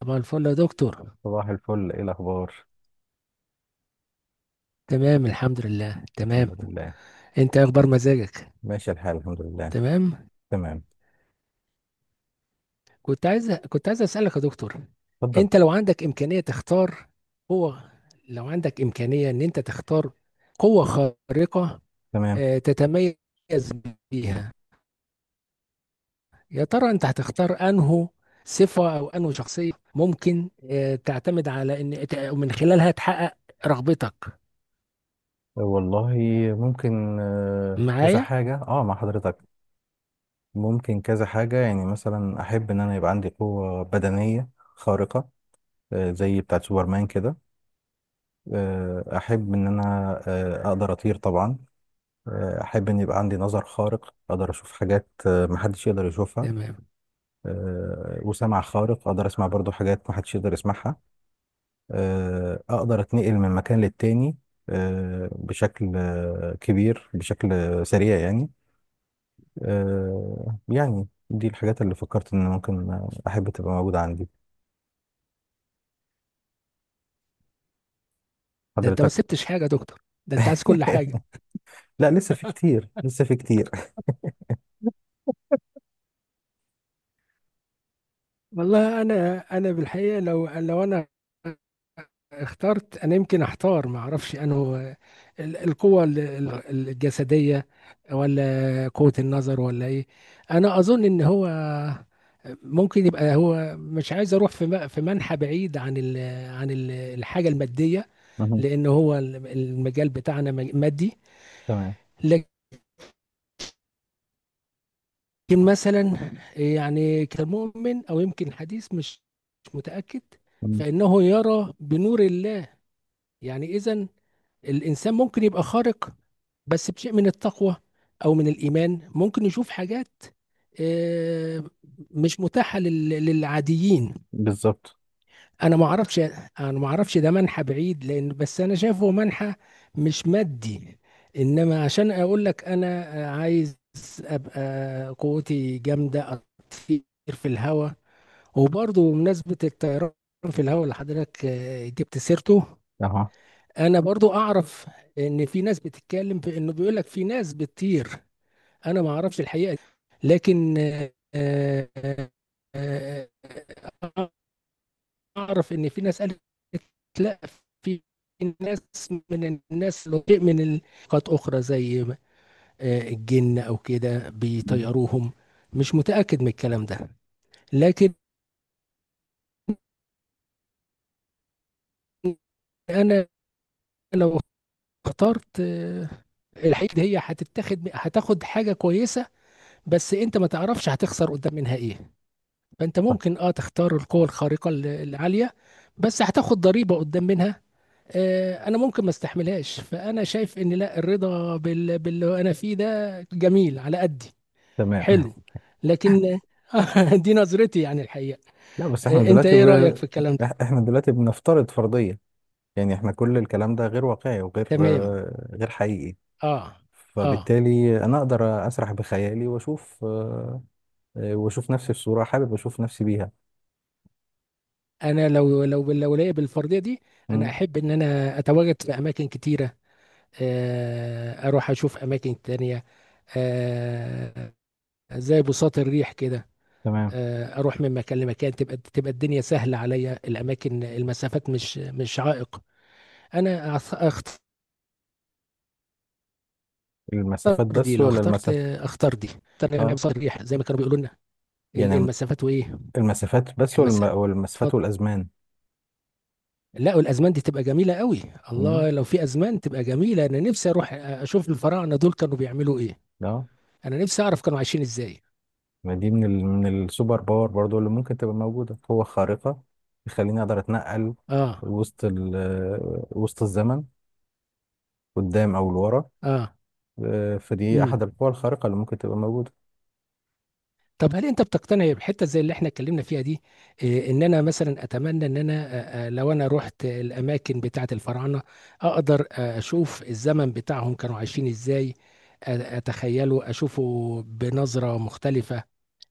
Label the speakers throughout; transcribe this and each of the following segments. Speaker 1: طبعا الفل يا دكتور.
Speaker 2: صباح الفل، ايه الاخبار؟
Speaker 1: تمام، الحمد لله، تمام.
Speaker 2: الحمد لله.
Speaker 1: انت إيه اخبار مزاجك؟
Speaker 2: ماشي الحال، الحمد لله.
Speaker 1: تمام.
Speaker 2: تمام.
Speaker 1: كنت عايز اسالك يا دكتور.
Speaker 2: اتفضل.
Speaker 1: انت لو عندك امكانيه تختار قوه لو عندك امكانيه ان انت تختار قوه خارقه
Speaker 2: تمام.
Speaker 1: تتميز بيها. يا ترى انت هتختار انه صفه او انه شخصيه ممكن تعتمد على ان من خلالها تحقق رغبتك.
Speaker 2: والله، ممكن كذا
Speaker 1: معايا.
Speaker 2: حاجة اه مع حضرتك. ممكن كذا حاجة، يعني مثلا احب ان انا يبقى عندي قوة بدنية خارقة، زي بتاعة سوبرمان كده. احب ان انا اقدر اطير طبعا. احب ان يبقى عندي نظر خارق، اقدر اشوف حاجات محدش يقدر يشوفها.
Speaker 1: تمام.
Speaker 2: وسمع خارق، اقدر اسمع برضو حاجات محدش يقدر يسمعها. اقدر اتنقل من مكان للتاني بشكل كبير، بشكل سريع يعني. يعني دي الحاجات اللي فكرت ان ممكن احب تبقى موجودة عندي،
Speaker 1: ده انت ما
Speaker 2: حضرتك.
Speaker 1: سبتش حاجه يا دكتور، ده انت عايز كل حاجه.
Speaker 2: لا، لسه في كتير.
Speaker 1: والله، انا بالحقيقه لو انا اخترت، انا يمكن احتار، ما اعرفش انه القوه الجسديه ولا قوه النظر ولا ايه. انا اظن ان هو ممكن يبقى هو مش عايز اروح في في منحى بعيد عن الحاجه الماديه.
Speaker 2: مهم.
Speaker 1: لان هو المجال بتاعنا مادي.
Speaker 2: تمام.
Speaker 1: لكن مثلا، يعني كمؤمن او يمكن حديث، مش متاكد.
Speaker 2: مم.
Speaker 1: فانه يرى بنور الله. يعني إذا الإنسان ممكن يبقى خارق بس بشيء من التقوى أو من الإيمان، ممكن يشوف حاجات آه، مش متاحة للعاديين.
Speaker 2: بالظبط.
Speaker 1: أنا ما أعرفش. أنا ما أعرفش، ده منحى بعيد، لأن بس أنا شايفه منحى مش مادي. إنما عشان أقول لك، أنا عايز أبقى قوتي جامدة، أطير في الهواء. وبرضه بمناسبة الطيران في الهواء اللي حضرتك جبت سيرته،
Speaker 2: اها.
Speaker 1: انا برضو اعرف ان في ناس بتتكلم، في انه بيقول لك في ناس بتطير. انا ما اعرفش الحقيقه دي. لكن آه، آه، اعرف ان في ناس قالت لا، في ناس من الناس لو شيء من نقاط اخرى زي الجن او كده
Speaker 2: مم.
Speaker 1: بيطيروهم. مش متاكد من الكلام ده. لكن انا لو اخترت الحقيقه دي، هي هتاخد حاجه كويسه، بس انت ما تعرفش هتخسر قدام منها ايه. فانت
Speaker 2: صح.
Speaker 1: ممكن تختار القوة الخارقة العالية، بس هتاخد ضريبة قدام منها. انا ممكن ما استحملهاش، فانا شايف ان لا، الرضا باللي انا فيه ده جميل على قدي.
Speaker 2: تمام.
Speaker 1: حلو. لكن دي نظرتي يعني، الحقيقة.
Speaker 2: لا، بس احنا
Speaker 1: انت
Speaker 2: دلوقتي
Speaker 1: ايه رأيك في الكلام ده؟
Speaker 2: احنا دلوقتي بنفترض فرضية. يعني احنا كل الكلام ده غير واقعي وغير
Speaker 1: تمام.
Speaker 2: غير حقيقي.
Speaker 1: اه، اه.
Speaker 2: فبالتالي انا اقدر اسرح بخيالي واشوف واشوف نفسي في صورة حابب اشوف نفسي بيها.
Speaker 1: انا لو ليا بالفردية دي، انا
Speaker 2: مم.
Speaker 1: احب ان انا اتواجد في اماكن كتيرة. اروح اشوف اماكن تانية، آه، زي بساط الريح كده.
Speaker 2: تمام.
Speaker 1: اروح من مكان لمكان، تبقى الدنيا سهله عليا، الاماكن، المسافات مش عائق. انا اختار
Speaker 2: المسافات
Speaker 1: دي.
Speaker 2: بس
Speaker 1: لو
Speaker 2: ولا
Speaker 1: اخترت
Speaker 2: المسافة؟
Speaker 1: اختار دي، اختار يعني
Speaker 2: اه،
Speaker 1: بساط الريح زي ما كانوا بيقولوا لنا.
Speaker 2: يعني
Speaker 1: المسافات وايه.
Speaker 2: المسافات بس
Speaker 1: المسافه. اتفضل.
Speaker 2: والمسافات والازمان.
Speaker 1: لا، والازمان دي تبقى جميله قوي.
Speaker 2: مم.
Speaker 1: الله، لو في ازمان تبقى جميله، انا نفسي اروح اشوف الفراعنه دول كانوا بيعملوا ايه.
Speaker 2: اه.
Speaker 1: انا نفسي اعرف كانوا عايشين ازاي.
Speaker 2: ما دي من من السوبر باور برضو، اللي ممكن تبقى موجودة قوة خارقة تخليني اقدر اتنقل
Speaker 1: اه.
Speaker 2: وسط ال... آه، وسط الزمن، قدام او لورا.
Speaker 1: اه.
Speaker 2: فدي احد
Speaker 1: امم.
Speaker 2: القوى الخارقة اللي ممكن تبقى موجودة.
Speaker 1: طب هل انت بتقتنع بحته زي اللي احنا اتكلمنا فيها دي؟ ان انا مثلا اتمنى ان انا، لو انا رحت الاماكن بتاعه الفراعنه، اقدر اشوف الزمن بتاعهم كانوا عايشين ازاي، اتخيله اشوفه بنظره مختلفه.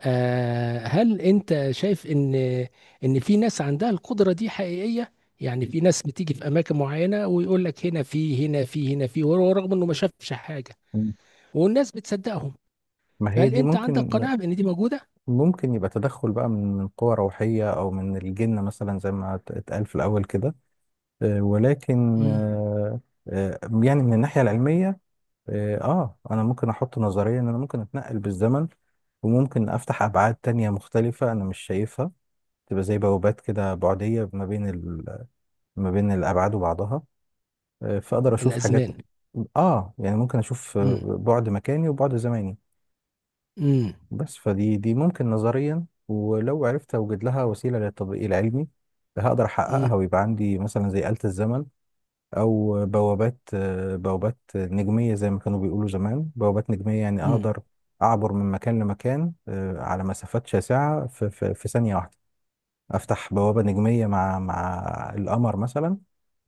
Speaker 1: هل انت شايف ان في ناس عندها القدره دي حقيقيه؟ يعني في ناس بتيجي في اماكن معينه ويقول لك هنا في، هنا في، هنا في، وهو رغم انه ما شافش حاجه،
Speaker 2: مم.
Speaker 1: والناس بتصدقهم.
Speaker 2: ما هي
Speaker 1: فهل
Speaker 2: دي
Speaker 1: انت عندك
Speaker 2: ممكن.
Speaker 1: قناعه بان دي موجوده؟
Speaker 2: ممكن يبقى تدخل بقى من قوى روحية أو من الجن مثلا، زي ما اتقال في الأول كده. ولكن
Speaker 1: مم.
Speaker 2: يعني من الناحية العلمية، أنا ممكن أحط نظرية إن أنا ممكن أتنقل بالزمن، وممكن أفتح أبعاد تانية مختلفة أنا مش شايفها، تبقى زي بوابات كده بعدية ما بين ما بين الأبعاد وبعضها. فأقدر أشوف حاجات،
Speaker 1: الأزمان.
Speaker 2: آه يعني ممكن أشوف
Speaker 1: مم.
Speaker 2: بعد مكاني وبعد زماني.
Speaker 1: مم.
Speaker 2: بس فدي ممكن نظريا، ولو عرفت اوجد لها وسيله للتطبيق العلمي هقدر احققها،
Speaker 1: مم.
Speaker 2: ويبقى عندي مثلا زي آلة الزمن، او بوابات نجميه، زي ما كانوا بيقولوا زمان بوابات نجميه، يعني
Speaker 1: مم.
Speaker 2: اقدر اعبر من مكان لمكان على مسافات شاسعه في ثانيه واحده. افتح بوابه نجميه مع القمر مثلا،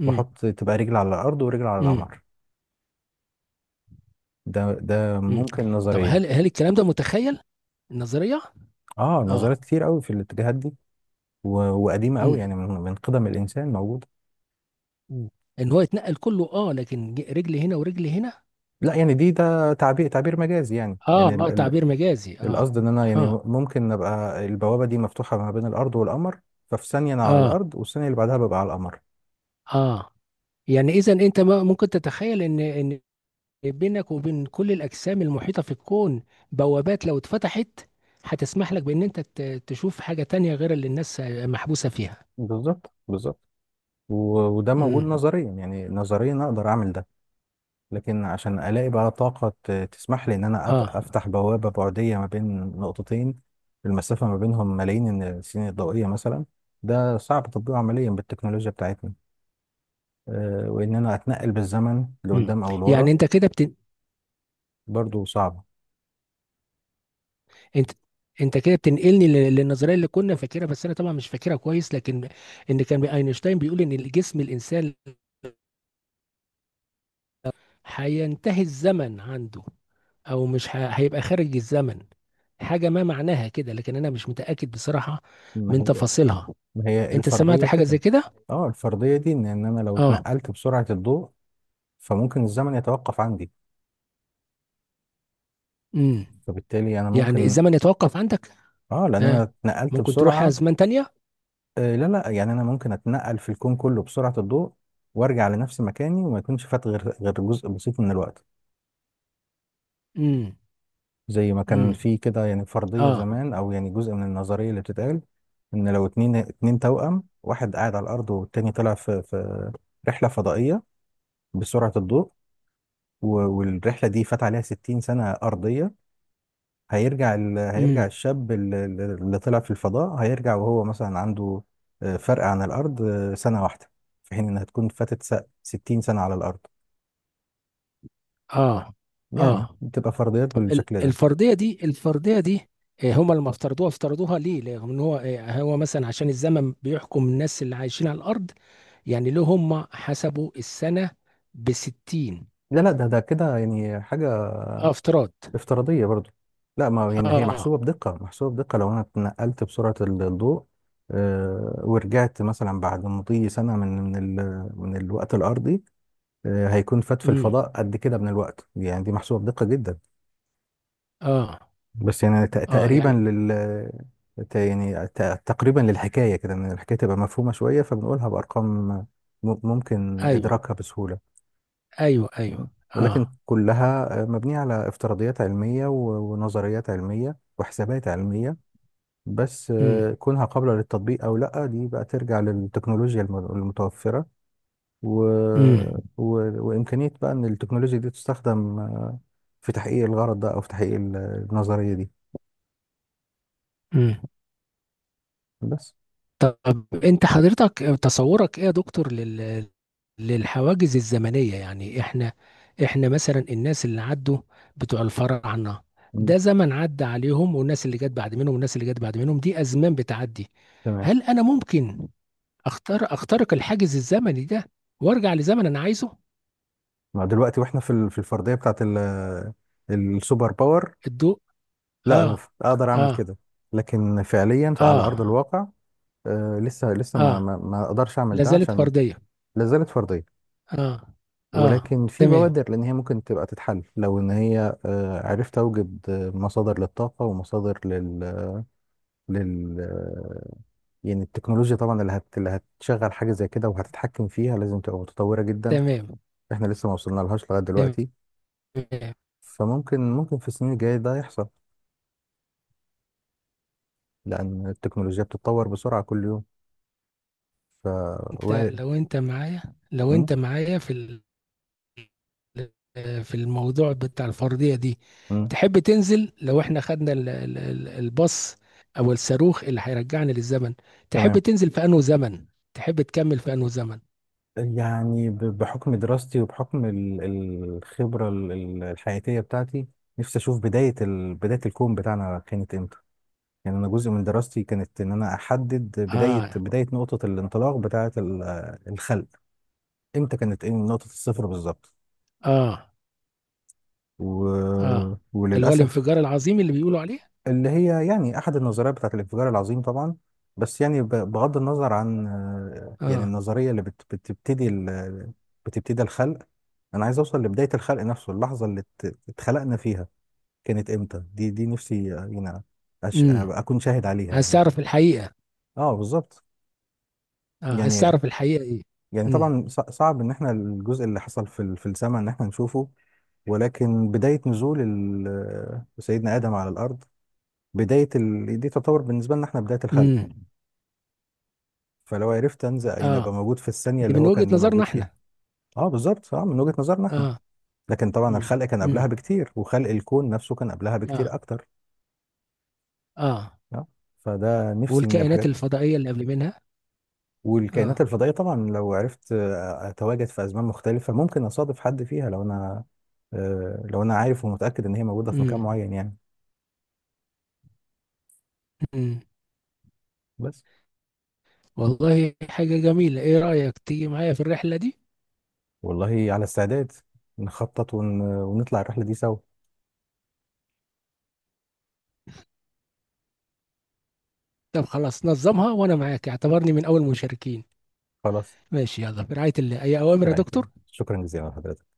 Speaker 1: مم.
Speaker 2: واحط تبقى رجل على الارض ورجل على
Speaker 1: مم.
Speaker 2: القمر. ده
Speaker 1: مم.
Speaker 2: ممكن
Speaker 1: طب
Speaker 2: نظريا.
Speaker 1: هل الكلام ده متخيل، النظرية؟
Speaker 2: اه،
Speaker 1: اه.
Speaker 2: نظريات كتير قوي في الاتجاهات دي، و- وقديمه قوي،
Speaker 1: مم.
Speaker 2: يعني من قدم الانسان موجوده.
Speaker 1: مم. ان هو يتنقل كله، لكن رجل هنا ورجل هنا.
Speaker 2: لا، يعني ده تعبير مجازي. يعني
Speaker 1: اه،
Speaker 2: يعني
Speaker 1: اه، تعبير مجازي، اه.
Speaker 2: القصد ان انا يعني
Speaker 1: اه.
Speaker 2: ممكن ابقى البوابه دي مفتوحه ما بين الارض والقمر، ففي ثانيه انا على
Speaker 1: اه.
Speaker 2: الارض، والثانيه اللي بعدها ببقى على القمر.
Speaker 1: اه. يعني اذا انت ممكن تتخيل ان بينك وبين كل الاجسام المحيطة في الكون بوابات، لو اتفتحت هتسمح لك بان انت تشوف حاجة تانية غير اللي الناس محبوسة فيها.
Speaker 2: بالظبط، بالظبط. وده موجود
Speaker 1: امم.
Speaker 2: نظريا، يعني نظريا اقدر اعمل ده. لكن عشان الاقي بقى طاقه تسمح لي ان انا
Speaker 1: اه.
Speaker 2: افتح بوابه بعديه ما بين نقطتين المسافه ما بينهم ملايين السنين الضوئيه مثلا، ده صعب تطبيقه عمليا بالتكنولوجيا بتاعتنا. وان انا اتنقل بالزمن
Speaker 1: مم.
Speaker 2: لقدام او
Speaker 1: يعني
Speaker 2: لورا، برضو صعبه.
Speaker 1: انت انت كده بتنقلني للنظريه اللي كنا فاكرها، بس انا طبعا مش فاكرها كويس. لكن ان كان اينشتاين بيقول ان جسم الانسان هينتهي الزمن عنده، او مش هيبقى خارج الزمن، حاجه ما معناها كده، لكن انا مش متاكد بصراحه
Speaker 2: ما
Speaker 1: من
Speaker 2: هي
Speaker 1: تفاصيلها.
Speaker 2: ما هي
Speaker 1: انت سمعت
Speaker 2: الفرضيه
Speaker 1: حاجه
Speaker 2: كده.
Speaker 1: زي كده؟
Speaker 2: اه، الفرضيه دي، ان انا لو
Speaker 1: اه.
Speaker 2: اتنقلت بسرعه الضوء فممكن الزمن يتوقف عندي،
Speaker 1: امم.
Speaker 2: فبالتالي انا
Speaker 1: يعني
Speaker 2: ممكن.
Speaker 1: الزمن يتوقف عندك.
Speaker 2: اه، لان انا
Speaker 1: ها.
Speaker 2: اتنقلت
Speaker 1: ممكن تروح
Speaker 2: بسرعه.
Speaker 1: ازمان تانية.
Speaker 2: آه لا، لا، يعني انا ممكن اتنقل في الكون كله بسرعه الضوء وارجع لنفس مكاني، وما يكونش فات غير جزء بسيط من الوقت.
Speaker 1: امم.
Speaker 2: زي ما كان
Speaker 1: امم.
Speaker 2: في كده، يعني فرضية
Speaker 1: اه.
Speaker 2: زمان، أو يعني جزء من النظرية اللي بتتقال، إن لو اتنين توأم، واحد قاعد على الأرض، والتاني طلع في رحلة فضائية بسرعة الضوء، والرحلة دي فات عليها 60 سنة أرضية، هيرجع هيرجع
Speaker 1: امم.
Speaker 2: الشاب اللي طلع في الفضاء، هيرجع وهو مثلا عنده فرق عن الأرض سنة واحدة، في حين إنها تكون فاتت 60 سنة على الأرض.
Speaker 1: اه.
Speaker 2: يعني
Speaker 1: اه.
Speaker 2: بتبقى فرضيات بالشكل ده.
Speaker 1: الفرضيه دي، هما لما افترضوها ليه؟ لان هو مثلا عشان الزمن بيحكم الناس اللي عايشين على الارض. يعني ليه هما حسبوا السنه ب 60؟
Speaker 2: لا، لا، ده كده يعني حاجة
Speaker 1: اه، افتراض.
Speaker 2: افتراضية برضو. لا، ما هي يعني هي
Speaker 1: اه.
Speaker 2: محسوبة بدقة، محسوبة بدقة، لو أنا اتنقلت بسرعة الضوء ورجعت مثلا بعد مضي سنة من من الوقت الأرضي، هيكون فات في
Speaker 1: امم.
Speaker 2: الفضاء قد كده من الوقت. يعني دي محسوبة بدقة جدا،
Speaker 1: اه.
Speaker 2: بس يعني
Speaker 1: اه.
Speaker 2: تقريبا
Speaker 1: يعني.
Speaker 2: لل تقريبا للحكاية كده، إن الحكاية تبقى مفهومة شوية فبنقولها بأرقام ممكن
Speaker 1: ايوه،
Speaker 2: إدراكها بسهولة.
Speaker 1: ايوه، ايوه.
Speaker 2: ولكن
Speaker 1: اه.
Speaker 2: كلها مبنية على افتراضيات علمية ونظريات علمية وحسابات علمية. بس
Speaker 1: امم.
Speaker 2: كونها قابلة للتطبيق أو لأ، دي بقى ترجع للتكنولوجيا المتوفرة و...
Speaker 1: امم.
Speaker 2: و... وإمكانية بقى إن التكنولوجيا دي تستخدم في تحقيق الغرض ده، أو في تحقيق النظرية دي.
Speaker 1: امم.
Speaker 2: بس.
Speaker 1: طب انت حضرتك تصورك ايه يا دكتور للحواجز الزمنية؟ يعني احنا مثلا الناس اللي عدوا، بتوع الفراعنة،
Speaker 2: مم.
Speaker 1: ده زمن عدى عليهم، والناس اللي جت بعد منهم، والناس اللي جت بعد منهم، دي ازمان بتعدي.
Speaker 2: تمام.
Speaker 1: هل انا ممكن اختار اخترق الحاجز الزمني ده وارجع لزمن انا عايزه؟
Speaker 2: ما دلوقتي وإحنا في في الفردية بتاعت السوبر باور.
Speaker 1: الضوء.
Speaker 2: لأ،
Speaker 1: اه.
Speaker 2: أقدر أعمل
Speaker 1: اه.
Speaker 2: كده، لكن فعليا على أرض
Speaker 1: اه.
Speaker 2: الواقع لسه ما
Speaker 1: اه.
Speaker 2: ما ما أقدرش أعمل
Speaker 1: لا
Speaker 2: ده،
Speaker 1: زالت
Speaker 2: عشان
Speaker 1: فردية.
Speaker 2: لا زالت فردية.
Speaker 1: اه. اه.
Speaker 2: ولكن في
Speaker 1: تمام.
Speaker 2: بوادر، لان هي ممكن تبقى تتحل لو ان هي عرفت اوجد مصادر للطاقه ومصادر لل لل آه، يعني التكنولوجيا طبعا اللي اللي هتشغل حاجه زي كده وهتتحكم فيها لازم تبقى متطوره جدا.
Speaker 1: تمام.
Speaker 2: احنا لسه ما وصلنا لهاش لغايه دلوقتي.
Speaker 1: تمام.
Speaker 2: فممكن في السنين الجايه ده يحصل، لان التكنولوجيا بتتطور بسرعه كل يوم، ف
Speaker 1: انت
Speaker 2: وارد.
Speaker 1: لو انت معايا لو
Speaker 2: مم؟
Speaker 1: انت معايا في في الموضوع بتاع الفرضية دي،
Speaker 2: مم.
Speaker 1: تحب تنزل؟ لو احنا خدنا الباص او الصاروخ اللي هيرجعنا للزمن، تحب
Speaker 2: تمام.
Speaker 1: تنزل في انه زمن؟ تحب تكمل في انه زمن؟
Speaker 2: يعني بحكم دراستي، وبحكم الخبرة الحياتية بتاعتي، نفسي أشوف بداية بداية الكون بتاعنا كانت إمتى. يعني أنا جزء من دراستي كانت إن أنا أحدد بداية
Speaker 1: اه.
Speaker 2: بداية نقطة الانطلاق بتاعة الخلق، إمتى كانت، إيه نقطة الصفر بالظبط.
Speaker 1: اه.
Speaker 2: و...
Speaker 1: اه. اللي هو
Speaker 2: وللأسف،
Speaker 1: الانفجار العظيم اللي بيقولوا عليه.
Speaker 2: اللي هي يعني احد النظريات بتاعت الانفجار العظيم طبعا. بس يعني بغض النظر عن يعني
Speaker 1: اه.
Speaker 2: النظريه اللي بتبتدي الخلق، انا عايز اوصل لبدايه الخلق نفسه، اللحظه اللي اتخلقنا فيها كانت امتى. دي نفسي يعني
Speaker 1: امم.
Speaker 2: أبقى اكون شاهد عليها
Speaker 1: عايز
Speaker 2: يعني.
Speaker 1: تعرف الحقيقة؟
Speaker 2: اه، بالظبط.
Speaker 1: اه، عايز
Speaker 2: يعني
Speaker 1: تعرف الحقيقة ايه. امم.
Speaker 2: طبعا صعب ان احنا الجزء اللي حصل في في السماء ان احنا نشوفه، ولكن بداية نزول سيدنا آدم على الأرض، بداية دي تعتبر بالنسبة لنا احنا بداية الخلق.
Speaker 1: امم.
Speaker 2: فلو عرفت انزل يعني ابقى
Speaker 1: اه.
Speaker 2: موجود في الثانيه
Speaker 1: دي
Speaker 2: اللي
Speaker 1: من
Speaker 2: هو
Speaker 1: وجهة
Speaker 2: كان
Speaker 1: نظرنا
Speaker 2: موجود فيها.
Speaker 1: احنا.
Speaker 2: اه، بالظبط، اه من وجهه نظرنا احنا.
Speaker 1: اه.
Speaker 2: لكن طبعا
Speaker 1: امم.
Speaker 2: الخلق كان
Speaker 1: امم.
Speaker 2: قبلها بكتير، وخلق الكون نفسه كان قبلها
Speaker 1: اه.
Speaker 2: بكتير اكتر.
Speaker 1: اه.
Speaker 2: اه، فده نفسي من
Speaker 1: والكائنات
Speaker 2: الحاجات،
Speaker 1: الفضائية اللي قبل منها.
Speaker 2: والكائنات
Speaker 1: اه.
Speaker 2: الفضائيه طبعا. لو عرفت اتواجد في ازمان مختلفه ممكن اصادف حد فيها، لو انا لو انا عارف ومتاكد ان هي موجوده في
Speaker 1: امم.
Speaker 2: مكان معين يعني.
Speaker 1: امم.
Speaker 2: بس.
Speaker 1: والله، حاجة جميلة. ايه رأيك تيجي معايا في الرحلة دي؟
Speaker 2: والله، على استعداد. نخطط ونطلع الرحله دي سوا.
Speaker 1: طب خلاص، نظمها وانا معاك، اعتبرني من اول مشاركين.
Speaker 2: خلاص.
Speaker 1: ماشي، يلا، برعاية الله. اي
Speaker 2: في
Speaker 1: اوامر يا
Speaker 2: رعايه الله.
Speaker 1: دكتور.
Speaker 2: شكرا جزيلا لحضرتك.